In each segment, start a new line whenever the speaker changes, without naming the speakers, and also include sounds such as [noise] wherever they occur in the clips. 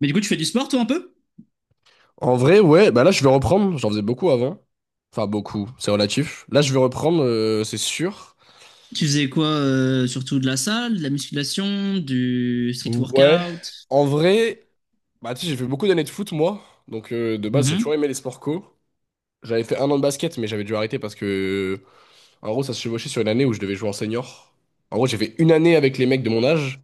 Mais du coup, tu fais du sport, toi, un peu?
En vrai, ouais, bah là je vais reprendre, j'en faisais beaucoup avant. Enfin beaucoup, c'est relatif. Là je vais reprendre, c'est sûr.
Tu faisais quoi, surtout de la salle, de la musculation, du street
Ouais.
workout?
En vrai, bah tu sais, j'ai fait beaucoup d'années de foot moi. Donc de base j'ai
Mhm.
toujours aimé les sports co. J'avais fait un an de basket mais j'avais dû arrêter parce que en gros ça se chevauchait sur une année où je devais jouer en senior. En gros j'ai fait une année avec les mecs de mon âge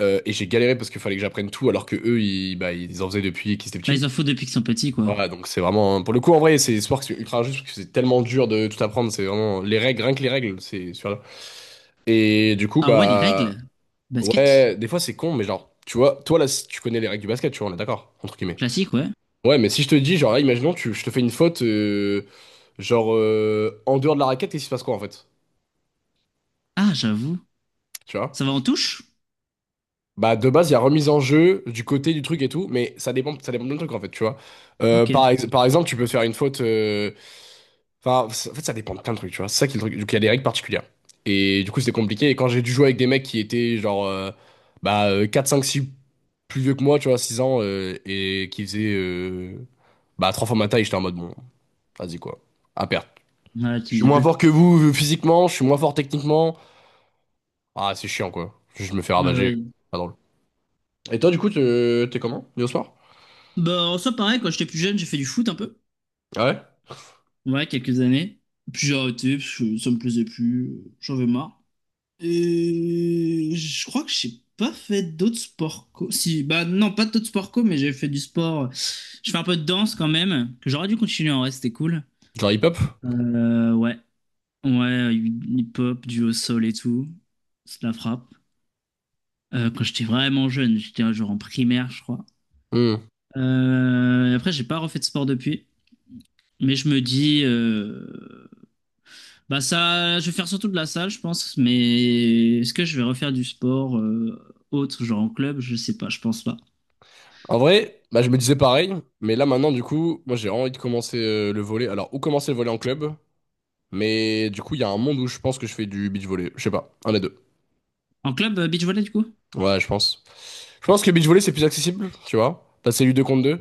et j'ai galéré parce qu'il fallait que j'apprenne tout alors que eux ils, bah, ils en faisaient depuis qu'ils étaient
Bah, ils
petits.
en font depuis qu'ils sont petits, quoi.
Ouais, donc c'est vraiment. Pour le coup, en vrai, c'est sport que c'est ultra juste parce que c'est tellement dur de tout apprendre. C'est vraiment les règles, rien que les règles, c'est sur là. Et du coup,
Ah ouais, les règles?
bah.
Basket?
Ouais, des fois c'est con, mais genre, tu vois, toi là, si tu connais les règles du basket, tu vois, on est d'accord, entre guillemets.
Classique, ouais.
Ouais, mais si je te dis, genre là, imaginons, je te fais une faute, genre, en dehors de la raquette, et il se passe quoi en fait?
Ah, j'avoue.
Tu vois?
Ça va en touche?
Bah, de base, il y a remise en jeu du côté du truc et tout, mais ça dépend de truc en fait, tu vois. Euh,
Ok.
par, ex- par exemple, tu peux faire une faute. Enfin, en fait, ça dépend de plein de trucs, tu vois. C'est ça qui est le truc. Donc, il y a des règles particulières. Et du coup, c'était compliqué. Et quand j'ai dû jouer avec des mecs qui étaient genre bah, 4, 5, 6 plus vieux que moi, tu vois, 6 ans, et qui faisaient bah, 3 fois ma taille, j'étais en mode bon, vas-y quoi, à perte.
Ouais, tu
Je
me
suis
disais
moins
plus.
fort que vous physiquement, je suis moins fort techniquement. Ah, c'est chiant quoi. Je me fais
Ah bah
ravager.
oui.
Pas drôle. Et toi, du coup, t'es comment, hier soir?
Bah, en soi, pareil, quand j'étais plus jeune, j'ai fait du foot un peu.
Ah ouais?
Ouais, quelques années. Puis j'ai arrêté parce que ça me plaisait plus, j'en avais marre. Je crois que j'ai pas fait d'autres sports co. Si, bah non, pas d'autres sports co, mais j'ai fait du sport. Je fais un peu de danse quand même, que j'aurais dû continuer en vrai, c'était cool.
Genre hip-hop?
Ouais, ouais, hip-hop, du au sol et tout. C'est la frappe. Quand j'étais vraiment jeune, j'étais genre en primaire, je crois.
Hmm.
Après, j'ai pas refait de sport depuis, mais je me dis. Bah ça, je vais faire surtout de la salle, je pense, mais est-ce que je vais refaire du sport autre, genre en club? Je sais pas, je pense pas.
En vrai, bah, je me disais pareil, mais là maintenant, du coup, moi j'ai vraiment envie de commencer le volley. Alors, ou commencer le volley en club, mais du coup, il y a un monde où je pense que je fais du beach volley. Je sais pas, un des deux.
En club, beach volley du coup?
Ouais, je pense. Je pense que beach volley c'est plus accessible, tu vois. T'as c'est du 2 contre 2.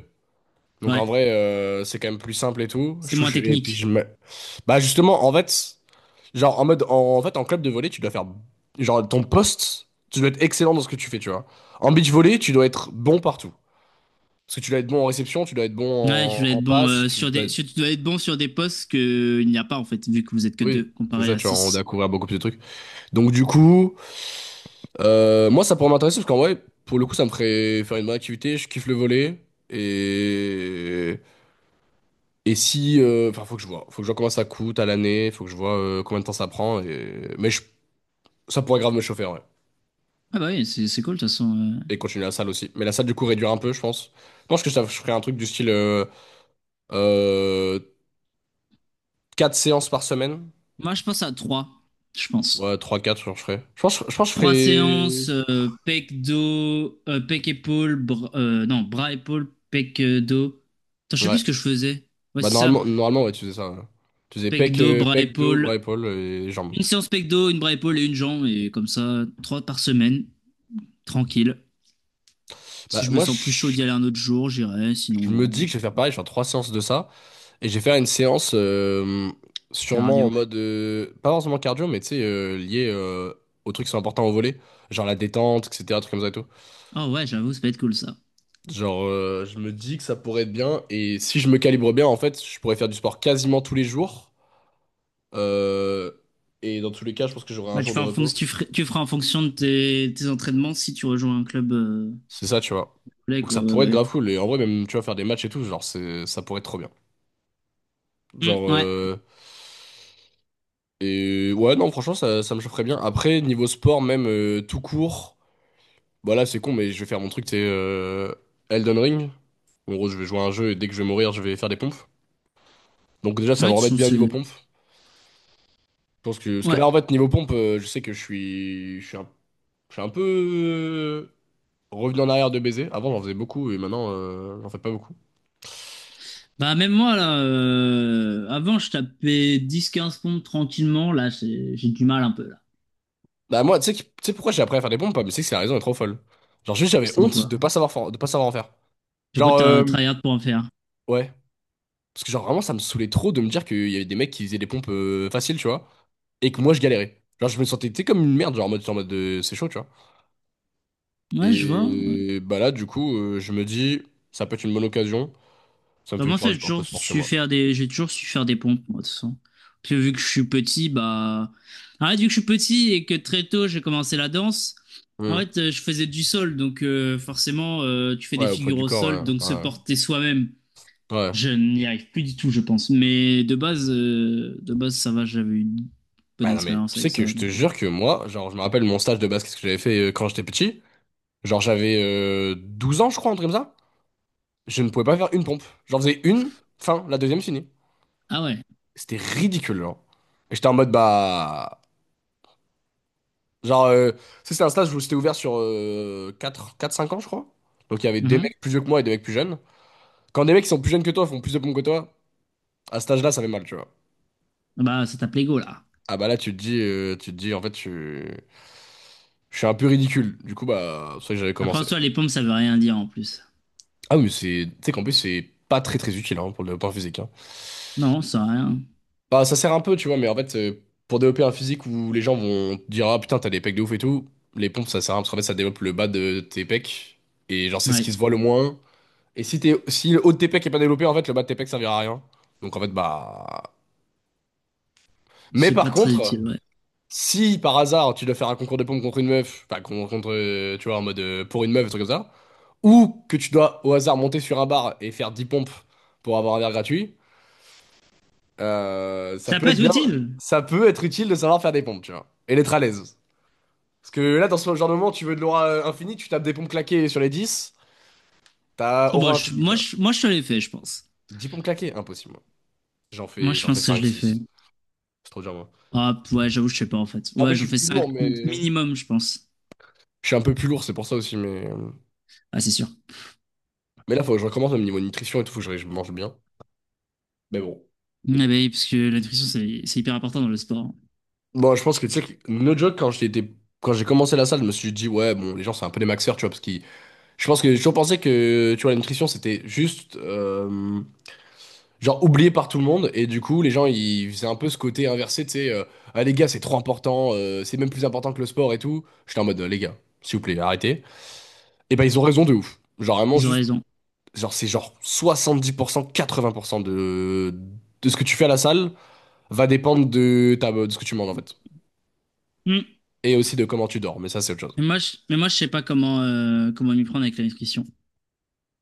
Donc
Ouais,
en vrai, c'est quand même plus simple et tout. Je
c'est moins
touche, et puis
technique.
je me. Bah justement, en fait, genre en mode, en fait, en club de volley, tu dois faire. Genre ton poste, tu dois être excellent dans ce que tu fais, tu vois. En beach volley, tu dois être bon partout. Parce que tu dois être bon en réception, tu dois être bon
Ouais, tu
en,
dois
en
être bon
passe, tu
sur
dois.
des, tu dois être bon sur des postes que il n'y a pas en fait, vu que vous êtes que
Oui,
deux
c'est
comparé
ça,
à
tu vas on a
six.
couvert beaucoup plus de trucs. Donc du coup, moi ça pourrait m'intéresser parce qu'en vrai, pour le coup, ça me ferait faire une bonne activité, je kiffe le volet. Et, et si... Enfin, faut que je vois. Faut que je vois combien ça coûte à l'année, faut que je vois combien de temps ça prend. Et... Mais ça pourrait grave me chauffer, ouais.
Ah bah oui, c'est cool de toute façon.
Et continuer la salle aussi. Mais la salle, du coup, réduire un peu, je pense. Je pense que ça, je ferais un truc du style euh, 4 séances par semaine.
Moi, je pense à trois, je pense.
Ouais, trois quatre genre, je ferais. Je pense que je
Trois
ferais...
séances, pec dos, pec épaule, non bras épaule, pec dos. Attends, je sais plus
Ouais.
ce que je faisais. Ouais,
Bah
c'est ça.
normalement ouais, tu faisais ça. Ouais. Tu faisais pec,
Pecdo,
euh,
bras
pec, dos, bras,
épaule.
épaules et jambes.
Une séance pecdo, une bras épaule et une jambe. Et comme ça, trois par semaine. Tranquille.
Bah
Si je me
moi,
sens plus chaud
je,
d'y aller un autre jour, j'irai.
je
Sinon,
me dis
non.
que je vais faire pareil, je vais
Voilà.
faire 3 séances de ça. Et je vais faire une séance sûrement en
Cardio.
mode... pas forcément cardio, mais tu sais, lié aux trucs qui sont importants au volet. Genre la détente, etc. Trucs comme ça et tout.
Oh ouais, j'avoue, ça peut être cool ça.
Genre, je me dis que ça pourrait être bien. Et si je me calibre bien, en fait, je pourrais faire du sport quasiment tous les jours. Euh, et dans tous les cas, je pense que j'aurai un
Bah,
jour de repos.
tu feras en fonction de tes entraînements si tu rejoins un club
C'est ça, tu vois.
complet,
Donc
quoi.
ça
Ouais,
pourrait
bah,
être
ouais.
grave cool. Et en vrai, même, tu vois, faire des matchs et tout, genre, c'est, ça pourrait être trop bien.
Hmm,
Genre,
ouais.
et ouais, non, franchement, ça me chaufferait bien. Après, niveau sport, même tout court, bah là, c'est con, mais je vais faire mon truc, c'est Elden Ring. En gros, je vais jouer à un jeu et dès que je vais mourir, je vais faire des pompes. Donc déjà, ça
Ouais, de
va me
toute
remettre
façon,
bien niveau pompe. Je pense que, parce que
ouais.
là, en fait, niveau pompe, je sais que je suis un peu revenu en arrière de baiser. Avant, j'en faisais beaucoup et maintenant, j'en fais pas beaucoup.
Bah, même moi, là, avant, je tapais 10-15 pompes tranquillement. Là, j'ai du mal un peu, là.
Bah moi, tu sais pourquoi j'ai appris à faire des pompes? Pas, mais c'est que c'est la raison est trop folle. Genre juste j'avais
C'est
honte
pourquoi.
de pas de pas savoir en faire.
Du coup,
Genre
t'as tryhard pour en faire.
ouais, parce que genre vraiment ça me saoulait trop de me dire qu'il y avait des mecs qui faisaient des pompes faciles, tu vois, et que moi je galérais. Genre je me sentais tu sais, comme une merde, genre en mode de c'est chaud, tu vois.
Ouais, je vois. Ouais.
Et bah là du coup je me dis ça peut être une bonne occasion, ça me
Bah,
fait
moi,
faire
ça,
du un peu de sport chez moi.
j'ai toujours su faire des pompes, moi, de toute façon. Parce que vu que je suis petit, bah, en fait, vu que je suis petit et que très tôt, j'ai commencé la danse, en
Hmm.
fait, je faisais du sol, donc, forcément, tu fais des
Ouais, au poids
figures
du
au
corps,
sol, donc
ouais,
se
ouais,
porter soi-même,
ouais.
je n'y arrive plus du tout, je pense. Mais de base, ça va, j'avais une bonne
Bah non mais
expérience
tu
avec
sais que
ça,
je te
donc.
jure que moi, genre je me rappelle mon stage de basket que j'avais fait quand j'étais petit. Genre j'avais 12 ans, je crois, un truc comme ça. Je ne pouvais pas faire une pompe. J'en faisais une, fin, la deuxième finie.
Ah ouais.
C'était ridicule, genre. Et j'étais en mode, bah... Genre, tu sais, c'est un stage où c'était ouvert sur quatre cinq ans, je crois. Donc il y avait des
Mhm.
mecs plus vieux que moi et des mecs plus jeunes. Quand des mecs qui sont plus jeunes que toi font plus de pompes que toi, à cet âge-là, ça fait mal, tu vois.
Bah, ça tape l'ego, là.
Ah bah là, tu te dis, en fait, tu... je suis un peu ridicule. Du coup, bah, c'est pour ça que j'avais
Après, en
commencé.
soi, les pompes, ça veut rien dire, en plus.
Ah oui, mais c'est... Tu sais qu'en plus, c'est pas très très utile hein, pour le point physique. Hein.
Non, ça a rien.
Bah, ça sert un peu, tu vois, mais en fait, pour développer un physique où les gens vont te dire, ah putain, t'as des pecs de ouf et tout, les pompes, ça sert à rien, parce qu'en fait, ça développe le bas de tes pecs, et genre, c'est ce
Ouais.
qui se voit le moins. Et si si le haut de tes pecs est pas développé, en fait, le bas de tes pecs servira à rien. Donc, en fait, bah. Mais
C'est
par
pas très
contre,
utile, ouais.
si par hasard, tu dois faire un concours de pompes contre une meuf, enfin, contre, tu vois, en mode pour une meuf, un truc comme ça, ou que tu dois au hasard monter sur un bar et faire 10 pompes pour avoir un verre gratuit. Ça
Ça
peut
peut
être
être
bien,
utile.
ça peut être utile de savoir faire des pompes, tu vois, et d'être à l'aise. Parce que là, dans ce genre de moment, tu veux de l'aura infinie, tu tapes des pompes claquées sur les 10, t'as
Oh, bah,
aura infinie, tu vois.
moi, je l'ai fait, je pense.
10 pompes claquées, impossible. Moi. J'en
Moi,
fais,
je
j'en fais
pense que je
5,
l'ai fait.
six. C'est trop dur, moi.
Ah, ouais, j'avoue, je sais pas, en fait.
Ah bah,
Ouais,
je
j'en
suis
fais
plus
5
lourd, mais...
minimum, je pense.
Je suis un peu plus lourd, c'est pour ça aussi, mais...
Ah, c'est sûr.
Mais là, faut que je recommence même niveau nutrition et tout, faut que je mange bien. Mais bon.
Ah, bah oui, parce que la nutrition, c'est hyper important dans le sport.
Bon, je pense que, tu sais, que, no joke, quand j'étais... Quand j'ai commencé la salle, je me suis dit, ouais, bon, les gens, c'est un peu des maxeurs, tu vois, parce qu'ils... Je pense que j'ai toujours pensé que, tu vois, la nutrition, c'était juste... genre oublié par tout le monde. Et du coup, les gens ils faisaient un peu ce côté inversé, tu sais, ah les gars c'est trop important, c'est même plus important que le sport et tout. J'étais en mode les gars s'il vous plaît arrêtez. Et ben ils ont raison de ouf, genre vraiment
Ils ont
juste,
raison.
genre c'est genre 70% 80% de ce que tu fais à la salle va dépendre de ta de ce que tu manges en fait.
Hmm.
Et aussi de comment tu dors, mais ça c'est autre chose.
Mais mais moi, je sais pas comment m'y prendre avec la nutrition.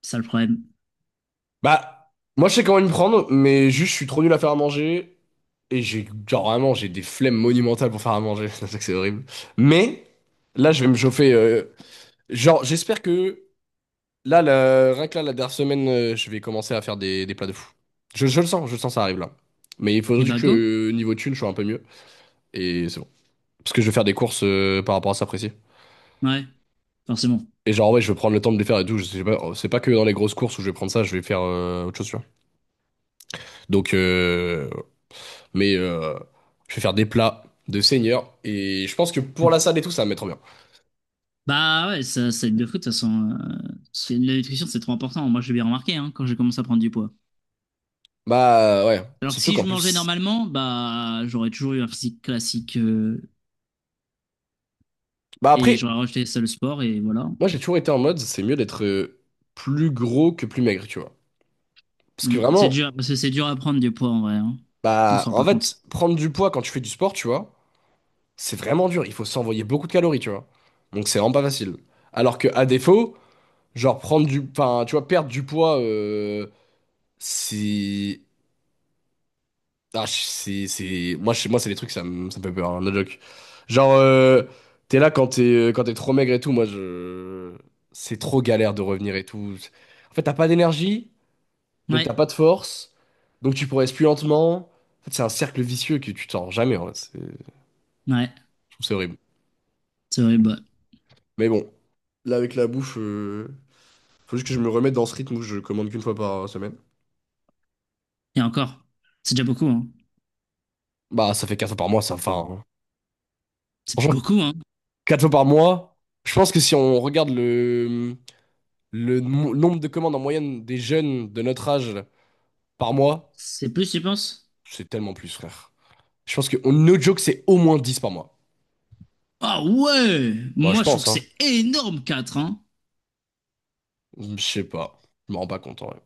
C'est ça le problème.
Bah, moi je sais comment me prendre, mais juste je suis trop nul à faire à manger. Et j'ai, genre vraiment, j'ai des flemmes monumentales pour faire à manger. [laughs] C'est ça que c'est horrible. Mais là, je vais me chauffer. Genre, j'espère que là, rien que là, la dernière semaine, je vais commencer à faire des, plats de fou. Je le sens, ça arrive là. Mais il faut
Et
juste
bah,
que
go.
niveau thune, je sois un peu mieux. Et c'est bon. Parce que je vais faire des courses par rapport à ça précis.
Ouais, forcément.
Et genre, ouais, je vais prendre le temps de les faire et tout. Je sais pas, c'est pas que dans les grosses courses où je vais prendre ça, je vais faire autre chose, tu vois. Donc, euh, Mais je vais faire des plats de seigneur. Et je pense que pour la salle et tout, ça va me mettre bien.
Bah, ouais, ça aide de fou, de toute façon. La nutrition, c'est trop important. Moi, je l'ai bien remarqué, hein, quand j'ai commencé à prendre du poids.
Bah ouais.
Alors que
Surtout
si
qu'en
je mangeais
plus.
normalement, bah, j'aurais toujours eu un physique classique,
Bah
et
après,
j'aurais rejeté ça le sport et voilà.
moi j'ai toujours été en mode, c'est mieux d'être plus gros que plus maigre, tu vois. Parce que
Mm. C'est
vraiment,
dur, parce que c'est dur à prendre du poids en vrai. Hein. On se
bah
rend
en
pas compte.
fait, prendre du poids quand tu fais du sport, tu vois, c'est vraiment dur. Il faut s'envoyer beaucoup de calories, tu vois. Donc c'est vraiment pas facile. Alors que à défaut, genre prendre du. Enfin, tu vois, perdre du poids, c'est. Ah, c'est... Moi, chez moi, c'est des trucs, ça me fait peur, hein, no joke. Genre, t'es là quand t'es trop maigre et tout, moi, je... C'est trop galère de revenir et tout. En fait, t'as pas d'énergie, donc
Ouais,
t'as pas de force, donc tu progresses plus lentement. En fait, c'est un cercle vicieux que tu t'en rends jamais, en vrai. Je
ouais,
trouve ça horrible.
c'est vrai. Bah.
Mais bon, là, avec la bouffe, faut juste que je me remette dans ce rythme où je commande qu'une fois par semaine.
Et encore, c'est déjà beaucoup. Hein.
Bah, ça fait quatre fois par mois, ça. Enfin,
C'est
franchement,
beaucoup, hein.
quatre fois par mois, je pense que si on regarde le... Le nombre de commandes en moyenne des jeunes de notre âge par mois,
C'est plus, tu penses?
c'est tellement plus, frère. Je pense que, no joke, c'est au moins 10 par mois.
Ah ouais!
Bah, je
Moi, je trouve
pense,
que
hein.
c'est énorme, 4 hein.
Je sais pas. Je me rends pas compte, en vrai.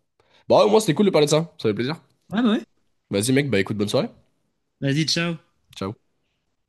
Bah, au moins, c'était cool de parler de ça. Ça fait plaisir.
Ouais, bah ouais.
Vas-y, mec, bah écoute, bonne soirée.
Vas-y, ciao.
Ciao.